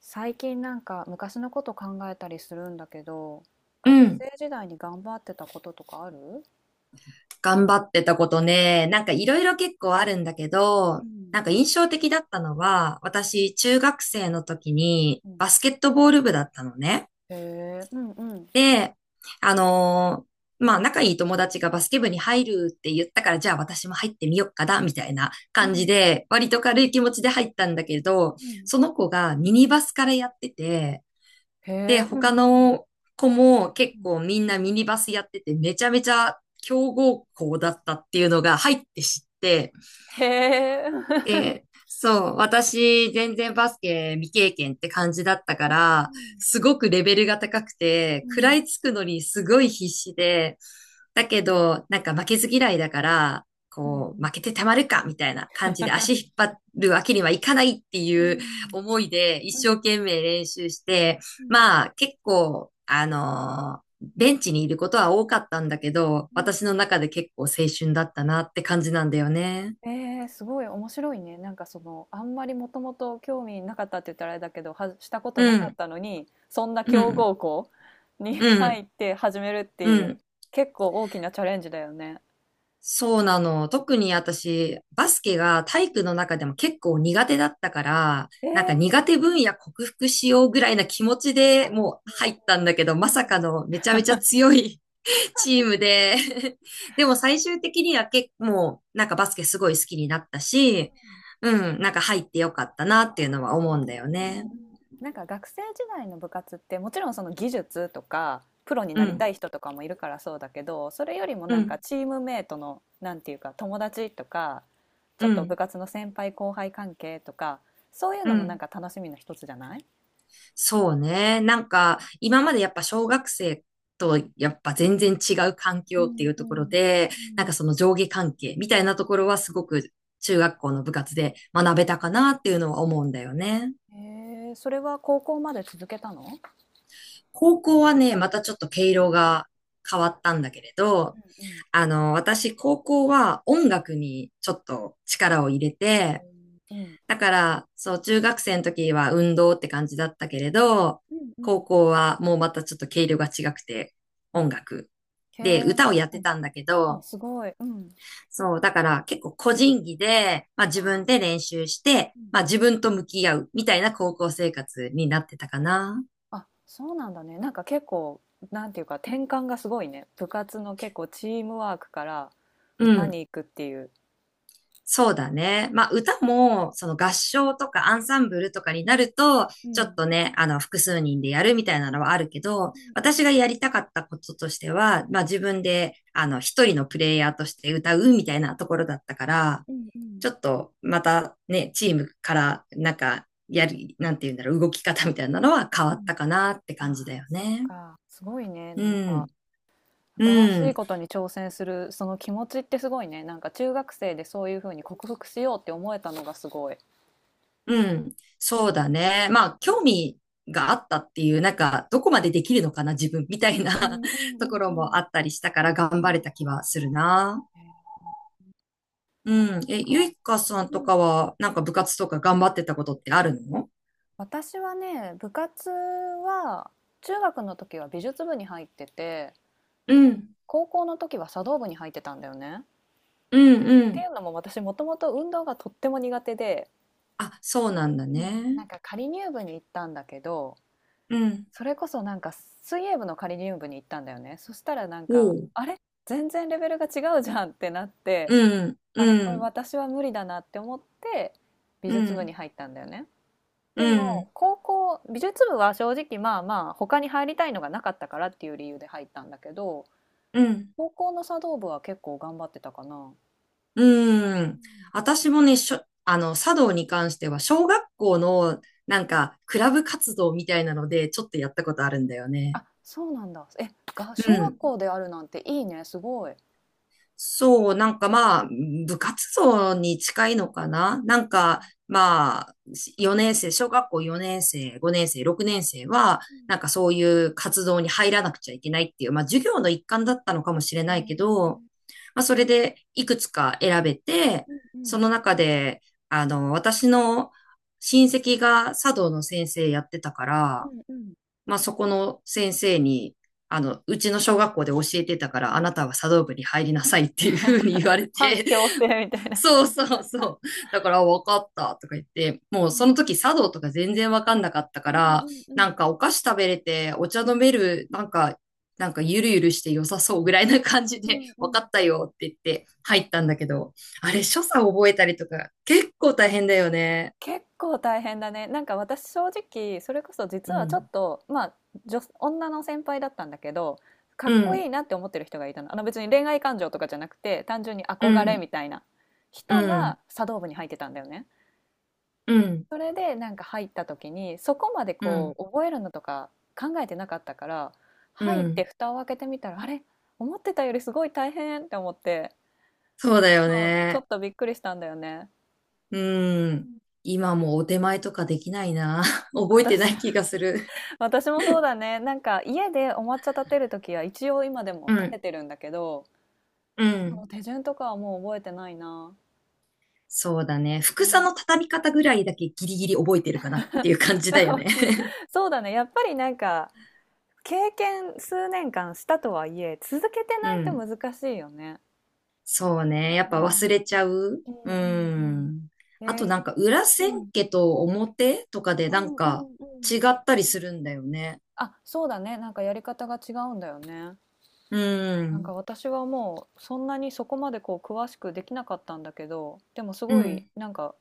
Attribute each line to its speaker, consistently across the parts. Speaker 1: 最近なんか昔のこと考えたりするんだけど、
Speaker 2: う
Speaker 1: 学
Speaker 2: ん。
Speaker 1: 生時代に頑張ってたこととかある？
Speaker 2: 頑張ってたことね、いろいろ結構あるんだけ
Speaker 1: う
Speaker 2: ど、
Speaker 1: ん。
Speaker 2: なんか印象的だったのは、私、中学生の時に
Speaker 1: うん。
Speaker 2: バスケットボール部だったのね。
Speaker 1: へえ。うん。うん。
Speaker 2: で、あのまあ、仲いい友達がバスケ部に入るって言ったから、じゃあ私も入ってみよっかな、みたいな
Speaker 1: う
Speaker 2: 感じ
Speaker 1: ん。
Speaker 2: で、割と軽い気持ちで入ったんだけど、
Speaker 1: うん。
Speaker 2: その子がミニバスからやってて、
Speaker 1: へ
Speaker 2: で、
Speaker 1: え。うん。う
Speaker 2: 他
Speaker 1: ん。
Speaker 2: の子も結
Speaker 1: うん。
Speaker 2: 構みんなミニバスやってて、めちゃめちゃ強豪校だったっていうのが入って知って、
Speaker 1: へえ。
Speaker 2: で、そう、私、全然バスケ未経験って感じだったか
Speaker 1: う
Speaker 2: ら、
Speaker 1: ん。
Speaker 2: すごくレベルが高く
Speaker 1: う
Speaker 2: て、食ら
Speaker 1: ん。
Speaker 2: いつくのにすごい必死で、だけど、なんか負けず嫌いだから、
Speaker 1: うん。
Speaker 2: こう、負けてたまるかみたいな感じで足引っ張るわけにはいかないって
Speaker 1: う
Speaker 2: いう
Speaker 1: ん。
Speaker 2: 思いで一
Speaker 1: うん。うん。う
Speaker 2: 生
Speaker 1: ん。
Speaker 2: 懸命練習して、
Speaker 1: うん。
Speaker 2: まあ結構、ベンチにいることは多かったんだけど、
Speaker 1: うん。
Speaker 2: 私
Speaker 1: う
Speaker 2: の
Speaker 1: ん。
Speaker 2: 中で結構青春だったなって感じなんだよね。
Speaker 1: ええ、すごい面白いね。なんかその、あんまりもともと興味なかったって言ったらあれだけど、はしたことな
Speaker 2: う
Speaker 1: かっ
Speaker 2: ん、
Speaker 1: たのに、そんな
Speaker 2: う
Speaker 1: 強
Speaker 2: ん。
Speaker 1: 豪校に
Speaker 2: う
Speaker 1: 入
Speaker 2: ん、
Speaker 1: って始めるって
Speaker 2: う
Speaker 1: いう、
Speaker 2: ん。
Speaker 1: 結構大きなチャレンジだよね。
Speaker 2: そうなの。特に私、バスケが体
Speaker 1: う
Speaker 2: 育
Speaker 1: ん。
Speaker 2: の中でも結構苦手だったから、
Speaker 1: え
Speaker 2: なんか
Speaker 1: え。
Speaker 2: 苦手分野克服しようぐらいな気持ちで
Speaker 1: あ、
Speaker 2: もう
Speaker 1: うん。
Speaker 2: 入ったんだけど、ま
Speaker 1: う
Speaker 2: さ
Speaker 1: ん。うん。
Speaker 2: かのめちゃめちゃ強い チームで でも最終的には結構、もうなんかバスケすごい好きになったし、うん、なんか入ってよかったなっていうのは思うんだよ
Speaker 1: う
Speaker 2: ね。
Speaker 1: ん。うん、なんか学生時代の部活ってもちろんその技術とかプロに
Speaker 2: う
Speaker 1: なりた
Speaker 2: ん、
Speaker 1: い人とかもいるからそうだけど、それよりも
Speaker 2: う
Speaker 1: なんか
Speaker 2: ん、
Speaker 1: チームメートのなんていうか友達とか、ちょ
Speaker 2: う
Speaker 1: っと部
Speaker 2: ん、
Speaker 1: 活の先輩後輩関係とか、そういう
Speaker 2: う
Speaker 1: のもなん
Speaker 2: ん。
Speaker 1: か楽しみの一つじゃない？
Speaker 2: そうね。なんか、今までやっぱ小学生とやっぱ全然違う環
Speaker 1: う
Speaker 2: 境ってい
Speaker 1: ん。
Speaker 2: う
Speaker 1: う
Speaker 2: ところ
Speaker 1: ん。
Speaker 2: で、
Speaker 1: う
Speaker 2: なんか
Speaker 1: ん。
Speaker 2: その上下関係みたいなところはすごく中学校の部活で学べたかなっていうのは思うんだよね。
Speaker 1: へえ、それは高校まで続けたの？
Speaker 2: 高校はね、またちょっと毛色が変わったんだけれど、
Speaker 1: うん。うん。
Speaker 2: あの、私高校は音楽にちょっと力を入れて、
Speaker 1: うん。
Speaker 2: だから、そう、中学生の時は運動って感じだったけれど、
Speaker 1: うん。
Speaker 2: 高校はもうまたちょっと毛色が違くて、
Speaker 1: うん。
Speaker 2: 音楽。
Speaker 1: へ
Speaker 2: で、歌を
Speaker 1: え。
Speaker 2: やっ
Speaker 1: う
Speaker 2: て
Speaker 1: ん。
Speaker 2: たんだけ
Speaker 1: お、
Speaker 2: ど、
Speaker 1: すごい。うん。
Speaker 2: そう、だから結構個人技で、まあ自分で
Speaker 1: あ
Speaker 2: 練習して、まあ
Speaker 1: ー、
Speaker 2: 自分と向き合うみたいな高校生活になってたかな。
Speaker 1: あ、そうなんだね。なんか結構、なんていうか転換がすごいね。部活の結構チームワークから
Speaker 2: う
Speaker 1: 歌
Speaker 2: ん。
Speaker 1: に行くっていう。
Speaker 2: そうだね。まあ、歌も、その合唱とかアンサンブルとかになると、
Speaker 1: う
Speaker 2: ちょっ
Speaker 1: ん。
Speaker 2: とね、複数人でやるみたいなのはあるけど、
Speaker 1: うん。う
Speaker 2: 私が
Speaker 1: ん。
Speaker 2: やりたかったこととしては、まあ、自分で、一人のプレイヤーとして歌うみたいなところだったから、
Speaker 1: うん。うん。
Speaker 2: ちょっと、またね、チームから、なんか、なんていうんだろう、動き方みたいなのは変わ
Speaker 1: う
Speaker 2: った
Speaker 1: ん。
Speaker 2: かなって
Speaker 1: あ、
Speaker 2: 感じだよ
Speaker 1: そっ
Speaker 2: ね。
Speaker 1: か。すごいね。
Speaker 2: う
Speaker 1: なんか
Speaker 2: ん。
Speaker 1: 新し
Speaker 2: う
Speaker 1: い
Speaker 2: ん。
Speaker 1: ことに挑戦するその気持ちってすごいね。なんか中学生でそういうふうに克服しようって思えたのがすごい。
Speaker 2: うん。そうだね。まあ、興味があったっていう、なんか、どこまでできるのかな、自分みたい
Speaker 1: う
Speaker 2: な
Speaker 1: ん。うん。 う
Speaker 2: とこ
Speaker 1: ん。
Speaker 2: ろ
Speaker 1: う
Speaker 2: も
Speaker 1: ん。
Speaker 2: あったりしたから、
Speaker 1: う
Speaker 2: 頑張れ
Speaker 1: ん。
Speaker 2: た気はするな。
Speaker 1: えーそっ
Speaker 2: うん。え、ゆ
Speaker 1: か。
Speaker 2: いかさんとかは、なんか部活とか頑張ってたことってあるの？
Speaker 1: 私はね、部活は中学の時は美術部に入ってて、
Speaker 2: うん。
Speaker 1: 高校の時は茶道部に入ってたんだよね。っ
Speaker 2: うんう
Speaker 1: てい
Speaker 2: ん。
Speaker 1: うのも私もともと運動がとっても苦手で、
Speaker 2: あ、そうなんだ
Speaker 1: うん、
Speaker 2: ね。
Speaker 1: なんか仮入部に行ったんだけど、
Speaker 2: うん。
Speaker 1: それこそなんか水泳部の仮入部に行ったんだよね。そしたらなんか、
Speaker 2: おう。
Speaker 1: あれ全然レベルが違うじゃんってなって、
Speaker 2: うん。
Speaker 1: あれ、
Speaker 2: う
Speaker 1: これ
Speaker 2: ん。
Speaker 1: 私は無理だなって思って美
Speaker 2: う
Speaker 1: 術部
Speaker 2: ん。
Speaker 1: に入ったんだよね。で
Speaker 2: う
Speaker 1: も
Speaker 2: ん。
Speaker 1: 高校美術部は正直まあまあ他に入りたいのがなかったからっていう理由で入ったんだけど、
Speaker 2: うん。うん
Speaker 1: 高校の茶道部は結構頑張ってたかな。
Speaker 2: うー
Speaker 1: う
Speaker 2: ん。
Speaker 1: ん。
Speaker 2: 私もね、あの、茶道に関しては、小学校の、なんか、クラブ活動みたいなので、ちょっとやったことあるんだよね。
Speaker 1: あ、そうなんだ。え、が
Speaker 2: う
Speaker 1: 小学
Speaker 2: ん。
Speaker 1: 校であるなんていいね、すごい。へ。
Speaker 2: そう、なんかまあ、部活動に近いのかななんか、まあ、4年生、小学校4年生、5年生、6年生は、なんかそういう活動に入らなくちゃいけないっていう、まあ、授業の一環だったのかもしれ
Speaker 1: うん。
Speaker 2: な
Speaker 1: へ
Speaker 2: い
Speaker 1: え。
Speaker 2: けど、まあ、それでいくつか選べて、
Speaker 1: うん。う
Speaker 2: そ
Speaker 1: ん。
Speaker 2: の中で、あの、私の親戚が茶道の先生やってたか
Speaker 1: う
Speaker 2: ら、
Speaker 1: ん。うん。
Speaker 2: まあ、そこの先生に、あの、うちの小学校で教えてたから、あなたは茶道部に入りなさいっていうふうに言われ
Speaker 1: 反
Speaker 2: て、
Speaker 1: 強制 みたいな。
Speaker 2: そうそうそう。だから、あわかったとか言って、もうその時茶道とか全然わかんなかったか
Speaker 1: うん。う
Speaker 2: ら、
Speaker 1: ん。う
Speaker 2: なん
Speaker 1: ん。
Speaker 2: かお菓子食べれて、お茶飲める、なんかゆるゆるして良さそうぐらいな感じ
Speaker 1: う
Speaker 2: で、
Speaker 1: ん。 う
Speaker 2: わか
Speaker 1: ん。
Speaker 2: ったよって言って入ったんだけど、あれ、所作覚えたりとか、結構大変だよね。
Speaker 1: 結構大変だね。なんか私正直それこそ
Speaker 2: う
Speaker 1: 実はちょっ
Speaker 2: ん。
Speaker 1: とまあ、女の先輩だったんだけど、か
Speaker 2: う
Speaker 1: っこい
Speaker 2: ん。
Speaker 1: いなって思ってる人がいたの。あの別に恋愛感情とかじゃなくて単純に
Speaker 2: う
Speaker 1: 憧れ
Speaker 2: ん。
Speaker 1: みたいな
Speaker 2: う
Speaker 1: 人
Speaker 2: ん。
Speaker 1: が茶道部に入ってたんだよね。
Speaker 2: うん。うん。
Speaker 1: それでなんか入った時にそこまで
Speaker 2: う
Speaker 1: こ
Speaker 2: ん。
Speaker 1: う覚えるのとか考えてなかったから、
Speaker 2: う
Speaker 1: 入って
Speaker 2: ん。
Speaker 1: 蓋を開けてみたら、あれ、思ってたよりすごい大変って思って、
Speaker 2: そうだよ
Speaker 1: うん、ちょ
Speaker 2: ね。
Speaker 1: っとびっくりしたんだよね。
Speaker 2: う
Speaker 1: う
Speaker 2: ん。
Speaker 1: ん。
Speaker 2: 今もお手前とかできないな。覚えてな
Speaker 1: 私
Speaker 2: い気がする。
Speaker 1: 私もそうだね。なんか家でお抹茶立てるときは一応今でも
Speaker 2: う
Speaker 1: 立て
Speaker 2: ん。
Speaker 1: てるんだけど、
Speaker 2: う
Speaker 1: そ
Speaker 2: ん。
Speaker 1: の手順とかはもう覚えてないな。
Speaker 2: そうだね。
Speaker 1: う
Speaker 2: 服さ
Speaker 1: ん。
Speaker 2: の畳み方ぐらいだけギリギリ覚えてるかなっていう感じだよ ね。
Speaker 1: そうだね。やっぱりなんか経験数年間したとはいえ、続けて
Speaker 2: う
Speaker 1: ないと
Speaker 2: ん。
Speaker 1: 難しいよね。
Speaker 2: そうね。やっ
Speaker 1: う
Speaker 2: ぱ忘
Speaker 1: ん。
Speaker 2: れちゃう。
Speaker 1: う
Speaker 2: う
Speaker 1: ん。うん。うん。
Speaker 2: ん。あとなんか裏
Speaker 1: う
Speaker 2: 千
Speaker 1: ん。
Speaker 2: 家と表とかで
Speaker 1: う
Speaker 2: な
Speaker 1: ん。
Speaker 2: ん
Speaker 1: う
Speaker 2: か
Speaker 1: ん。うん。
Speaker 2: 違ったりするんだよね。
Speaker 1: あ、そうだね。なんかやり方が違うんだよね。
Speaker 2: う
Speaker 1: なんか
Speaker 2: ん。
Speaker 1: 私はもうそんなにそこまでこう詳しくできなかったんだけど、でもす
Speaker 2: う
Speaker 1: ごい
Speaker 2: ん。
Speaker 1: なんか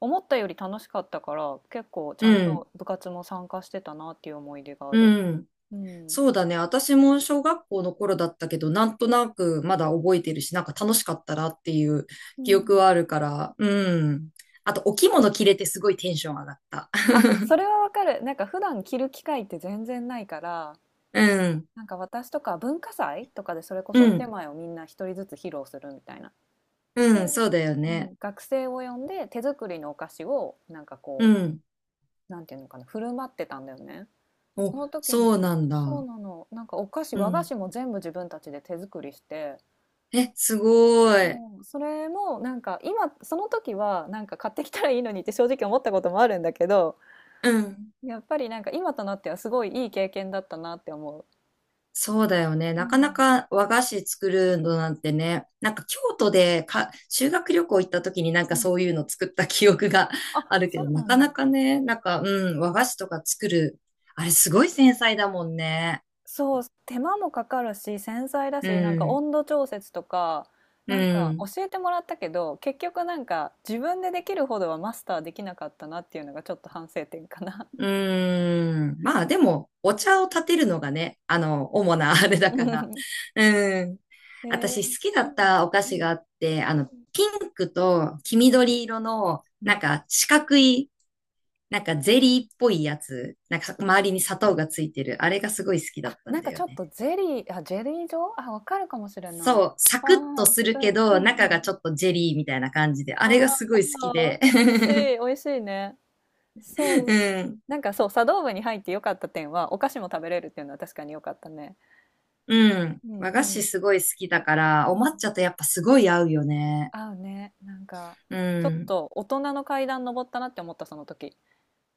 Speaker 1: 思ったより楽しかったから結構ちゃ
Speaker 2: う
Speaker 1: ん
Speaker 2: ん。
Speaker 1: と部活も参加してたなっていう思い出がある。
Speaker 2: うん。
Speaker 1: うん。
Speaker 2: そうだね。私も小学校の頃だったけど、なんとなくまだ覚えてるし、なんか楽しかったなっていう
Speaker 1: う
Speaker 2: 記憶
Speaker 1: ん。
Speaker 2: はあるから、うん。あと、お着物着れてすごいテンション上がった。
Speaker 1: あ、それはわかる。なんか普段着る機会って全然ないから、
Speaker 2: うん。
Speaker 1: なんか私とか文化祭とかでそれこそ
Speaker 2: う
Speaker 1: お手
Speaker 2: ん。
Speaker 1: 前をみんな一人ずつ披露するみたいな。ええ。
Speaker 2: うん。そうだよ
Speaker 1: う
Speaker 2: ね。
Speaker 1: ん、学生を呼んで手作りのお菓子をなんか
Speaker 2: う
Speaker 1: こ
Speaker 2: ん。
Speaker 1: う、なんていうのかな、振る舞ってたんだよね。そ
Speaker 2: お、
Speaker 1: の時に、
Speaker 2: そうなん
Speaker 1: そう
Speaker 2: だ。
Speaker 1: なの。なんかお菓子、
Speaker 2: う
Speaker 1: 和菓
Speaker 2: ん。
Speaker 1: 子も全部自分たちで手作りして、
Speaker 2: え、すごい。
Speaker 1: もうそれもなんか今、その時はなんか買ってきたらいいのにって正直思ったこともあるんだけど、
Speaker 2: うん。
Speaker 1: やっぱりなんか今となってはすごいいい経験だったなって思う。
Speaker 2: そうだよね。
Speaker 1: う
Speaker 2: なかな
Speaker 1: ん。
Speaker 2: か和菓子作るのなんてね、なんか京都でか修学旅行行った時になん
Speaker 1: う
Speaker 2: か
Speaker 1: ん。
Speaker 2: そういうの作った記憶が
Speaker 1: あ、
Speaker 2: あるけ
Speaker 1: そ
Speaker 2: ど、
Speaker 1: う
Speaker 2: な
Speaker 1: なん
Speaker 2: かな
Speaker 1: だ。
Speaker 2: かね、なんか、うん、和菓子とか作る。あれすごい繊細だもんね。
Speaker 1: そう、手間もかかるし、繊細だ
Speaker 2: う
Speaker 1: し、なんか
Speaker 2: ん、
Speaker 1: 温度調節とか、
Speaker 2: う
Speaker 1: なんか
Speaker 2: ん、
Speaker 1: 教えてもらったけど、結局なんか自分でできるほどはマスターできなかったなっていうのがちょっと反省点かな。
Speaker 2: うん。まあでも、お茶を立てるのがね、あの、主なあれだから。うん。
Speaker 1: へえ。
Speaker 2: 私好きだ
Speaker 1: う
Speaker 2: っ
Speaker 1: ん。
Speaker 2: たお菓
Speaker 1: うん。う
Speaker 2: 子
Speaker 1: ん。
Speaker 2: があって、あ
Speaker 1: う
Speaker 2: の、
Speaker 1: ん。
Speaker 2: ピンクと黄緑色の、
Speaker 1: う
Speaker 2: なん
Speaker 1: ん。
Speaker 2: か四角い、なんかゼリーっぽいやつ、なんか周りに砂糖がついてる、あれがすごい好きだ
Speaker 1: あ、
Speaker 2: った
Speaker 1: な
Speaker 2: ん
Speaker 1: ん
Speaker 2: だ
Speaker 1: かち
Speaker 2: よ
Speaker 1: ょっ
Speaker 2: ね。
Speaker 1: とゼリー、あ、ジェリー状？あ、わかるかもしれない。
Speaker 2: そう、サ
Speaker 1: あ
Speaker 2: ク
Speaker 1: あ、
Speaker 2: ッとする
Speaker 1: うん、
Speaker 2: けど、
Speaker 1: うん、う
Speaker 2: 中が
Speaker 1: ん。
Speaker 2: ちょっとジェリーみたいな感じで、あ
Speaker 1: あ
Speaker 2: れがすご
Speaker 1: あ、
Speaker 2: い好きで。
Speaker 1: 美味し い、美味しいね。そう。
Speaker 2: うん、
Speaker 1: なんかそう、茶道部に入って良かった点は、お菓子も食べれるっていうのは確かに良かったね。
Speaker 2: うん。
Speaker 1: うん。
Speaker 2: 和
Speaker 1: う
Speaker 2: 菓子
Speaker 1: ん。
Speaker 2: すごい好きだから、
Speaker 1: う
Speaker 2: お
Speaker 1: ん。
Speaker 2: 抹茶とやっぱすごい合うよね。
Speaker 1: 合うね。なんか、
Speaker 2: う
Speaker 1: ちょっ
Speaker 2: ん。
Speaker 1: と大人の階段登ったなって思った、その時。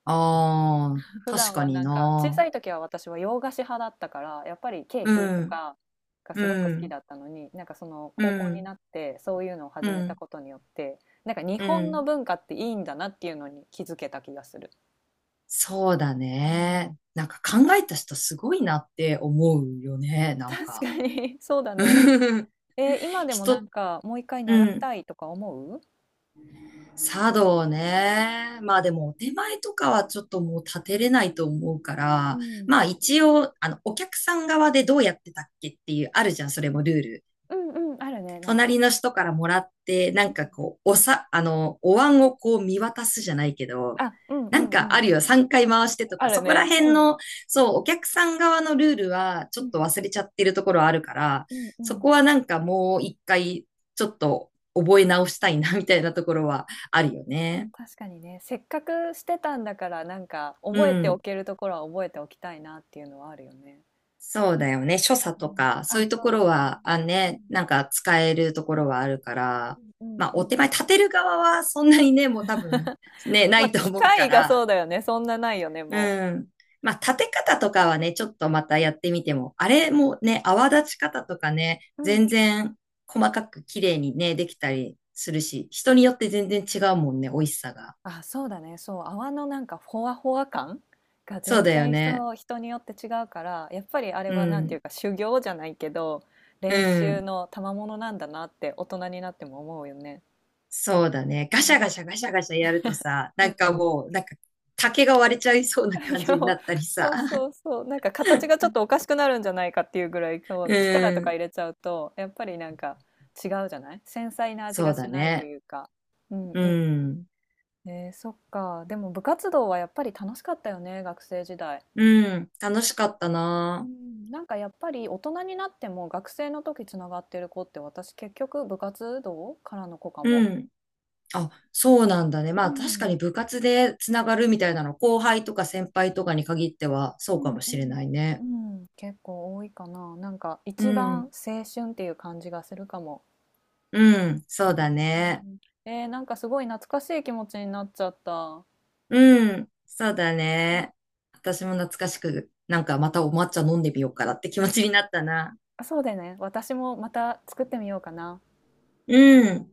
Speaker 2: ああ、
Speaker 1: 普
Speaker 2: 確
Speaker 1: 段
Speaker 2: か
Speaker 1: は
Speaker 2: に
Speaker 1: なんか、小
Speaker 2: な。
Speaker 1: さい時は私は洋菓子派だったから、やっぱりケー
Speaker 2: う
Speaker 1: キと
Speaker 2: ん、
Speaker 1: かが
Speaker 2: う
Speaker 1: すごく好き
Speaker 2: ん、
Speaker 1: だったのに、なんかその
Speaker 2: う
Speaker 1: 高校に
Speaker 2: ん、
Speaker 1: なってそういうのを
Speaker 2: う
Speaker 1: 始めた
Speaker 2: ん、
Speaker 1: ことによって、なんか日
Speaker 2: う
Speaker 1: 本の
Speaker 2: ん。
Speaker 1: 文化っていいんだなっていうのに気づけた気がする。
Speaker 2: そうだ
Speaker 1: うん。
Speaker 2: ね。なんか考えた人すごいなって思うよね、なん
Speaker 1: 確
Speaker 2: か。
Speaker 1: かに、 そうだね。今でもなん
Speaker 2: 人、
Speaker 1: かもう一回習
Speaker 2: う
Speaker 1: い
Speaker 2: ん。
Speaker 1: たいとか思う。
Speaker 2: 茶道ね。まあでも、お手前とかはちょっともう立てれないと思うか
Speaker 1: う
Speaker 2: ら、
Speaker 1: ん。
Speaker 2: まあ一応、あの、お客さん側でどうやってたっけっていう、あるじゃん、それもルール。
Speaker 1: うん。うん、あるね、なんか。
Speaker 2: 隣の人からもらって、な
Speaker 1: うん。
Speaker 2: んかこう、あの、お椀をこう見渡すじゃないけど、
Speaker 1: あ、うん。う
Speaker 2: なん
Speaker 1: ん。
Speaker 2: か
Speaker 1: う
Speaker 2: あ
Speaker 1: ん。
Speaker 2: るよ、3回回してと
Speaker 1: あ
Speaker 2: か、
Speaker 1: る
Speaker 2: そこ
Speaker 1: ね。
Speaker 2: ら辺
Speaker 1: うん。
Speaker 2: の、そう、お客さん側のルールはち
Speaker 1: う
Speaker 2: ょっ
Speaker 1: ん。
Speaker 2: と忘れちゃってるところあるから、
Speaker 1: うん。う
Speaker 2: そ
Speaker 1: ん。
Speaker 2: こはなんかもう一回、ちょっと覚え直したいな、みたいなところはあるよね。
Speaker 1: 確かにね、せっかくしてたんだから、なんか
Speaker 2: う
Speaker 1: 覚えてお
Speaker 2: ん。
Speaker 1: けるところは覚えておきたいなっていうのはあるよね。
Speaker 2: そうだよね。所作
Speaker 1: う
Speaker 2: と
Speaker 1: ん、
Speaker 2: か、そう
Speaker 1: あ、
Speaker 2: いうと
Speaker 1: そう
Speaker 2: こ
Speaker 1: だ
Speaker 2: ろ
Speaker 1: ね。
Speaker 2: は、あ
Speaker 1: う
Speaker 2: ね、
Speaker 1: ん。
Speaker 2: なんか使えるところはあるか
Speaker 1: う
Speaker 2: ら、
Speaker 1: ん。うん。
Speaker 2: まあ、
Speaker 1: う
Speaker 2: お手
Speaker 1: ん。
Speaker 2: 前立てる側はそんなにね、もう多分、ね、な
Speaker 1: まあ、
Speaker 2: いと
Speaker 1: 機
Speaker 2: 思うか
Speaker 1: 械がそ
Speaker 2: ら、
Speaker 1: うだよね。そんなないよね、
Speaker 2: う
Speaker 1: も
Speaker 2: ん。まあ、立て方とかはね、ちょっとまたやってみても、あれもね、泡立ち方とかね、
Speaker 1: う。う
Speaker 2: 全
Speaker 1: ん、
Speaker 2: 然細かく綺麗にね、できたりするし、人によって全然違うもんね、美味しさが。
Speaker 1: あ、そうだね。そう、泡のなんかほわほわ感が
Speaker 2: そう
Speaker 1: 全
Speaker 2: だよ
Speaker 1: 然、
Speaker 2: ね。
Speaker 1: 人によって違うから、やっぱりあれ
Speaker 2: う
Speaker 1: はなんていう
Speaker 2: ん。
Speaker 1: か修行じゃないけど、
Speaker 2: う
Speaker 1: 練習
Speaker 2: ん。
Speaker 1: の賜物なんだなって大人になっても思うよね。
Speaker 2: そうだね。ガシャガシャガシャガシャやるとさ、
Speaker 1: う
Speaker 2: なん
Speaker 1: ん。
Speaker 2: かもう、なんか竹が割れちゃいそうな
Speaker 1: い
Speaker 2: 感じ
Speaker 1: や、
Speaker 2: になったり
Speaker 1: そ
Speaker 2: さ。
Speaker 1: うそうそう。なんか形がちょっとおかしくなるんじゃないかっていうぐらい、こ
Speaker 2: う
Speaker 1: う力とか
Speaker 2: ん。
Speaker 1: 入れちゃうと、やっぱりなんか違うじゃない、繊細な味
Speaker 2: そ
Speaker 1: が
Speaker 2: うだ
Speaker 1: しないと
Speaker 2: ね。
Speaker 1: いうか。うん。
Speaker 2: う
Speaker 1: うん。
Speaker 2: ん。
Speaker 1: そっか。でも部活動はやっぱり楽しかったよね、学生時代。
Speaker 2: うん。楽しかった
Speaker 1: う
Speaker 2: な。
Speaker 1: ん、なんかやっぱり大人になっても学生の時つながってる子って私結局部活動からの子か
Speaker 2: う
Speaker 1: も。
Speaker 2: ん。あ、そうなんだね。ま
Speaker 1: う
Speaker 2: あ確か
Speaker 1: ん、
Speaker 2: に部活でつながるみたいなの、後輩とか先輩とかに限ってはそう
Speaker 1: う
Speaker 2: か
Speaker 1: ん。
Speaker 2: も
Speaker 1: う
Speaker 2: しれ
Speaker 1: ん。
Speaker 2: ない
Speaker 1: う
Speaker 2: ね。
Speaker 1: ん、結構多いかな。なんか
Speaker 2: う
Speaker 1: 一番
Speaker 2: ん。
Speaker 1: 青春っていう感じがするかも。
Speaker 2: うん。そうだ
Speaker 1: う
Speaker 2: ね。
Speaker 1: ん。うん。なんかすごい懐かしい気持ちになっちゃった。
Speaker 2: うん。そうだ
Speaker 1: うん。
Speaker 2: ね。私も懐かしく、なんかまたお抹茶飲んでみようかなって気持ちになったな。
Speaker 1: あ、そうだよね。私もまた作ってみようかな。
Speaker 2: うん。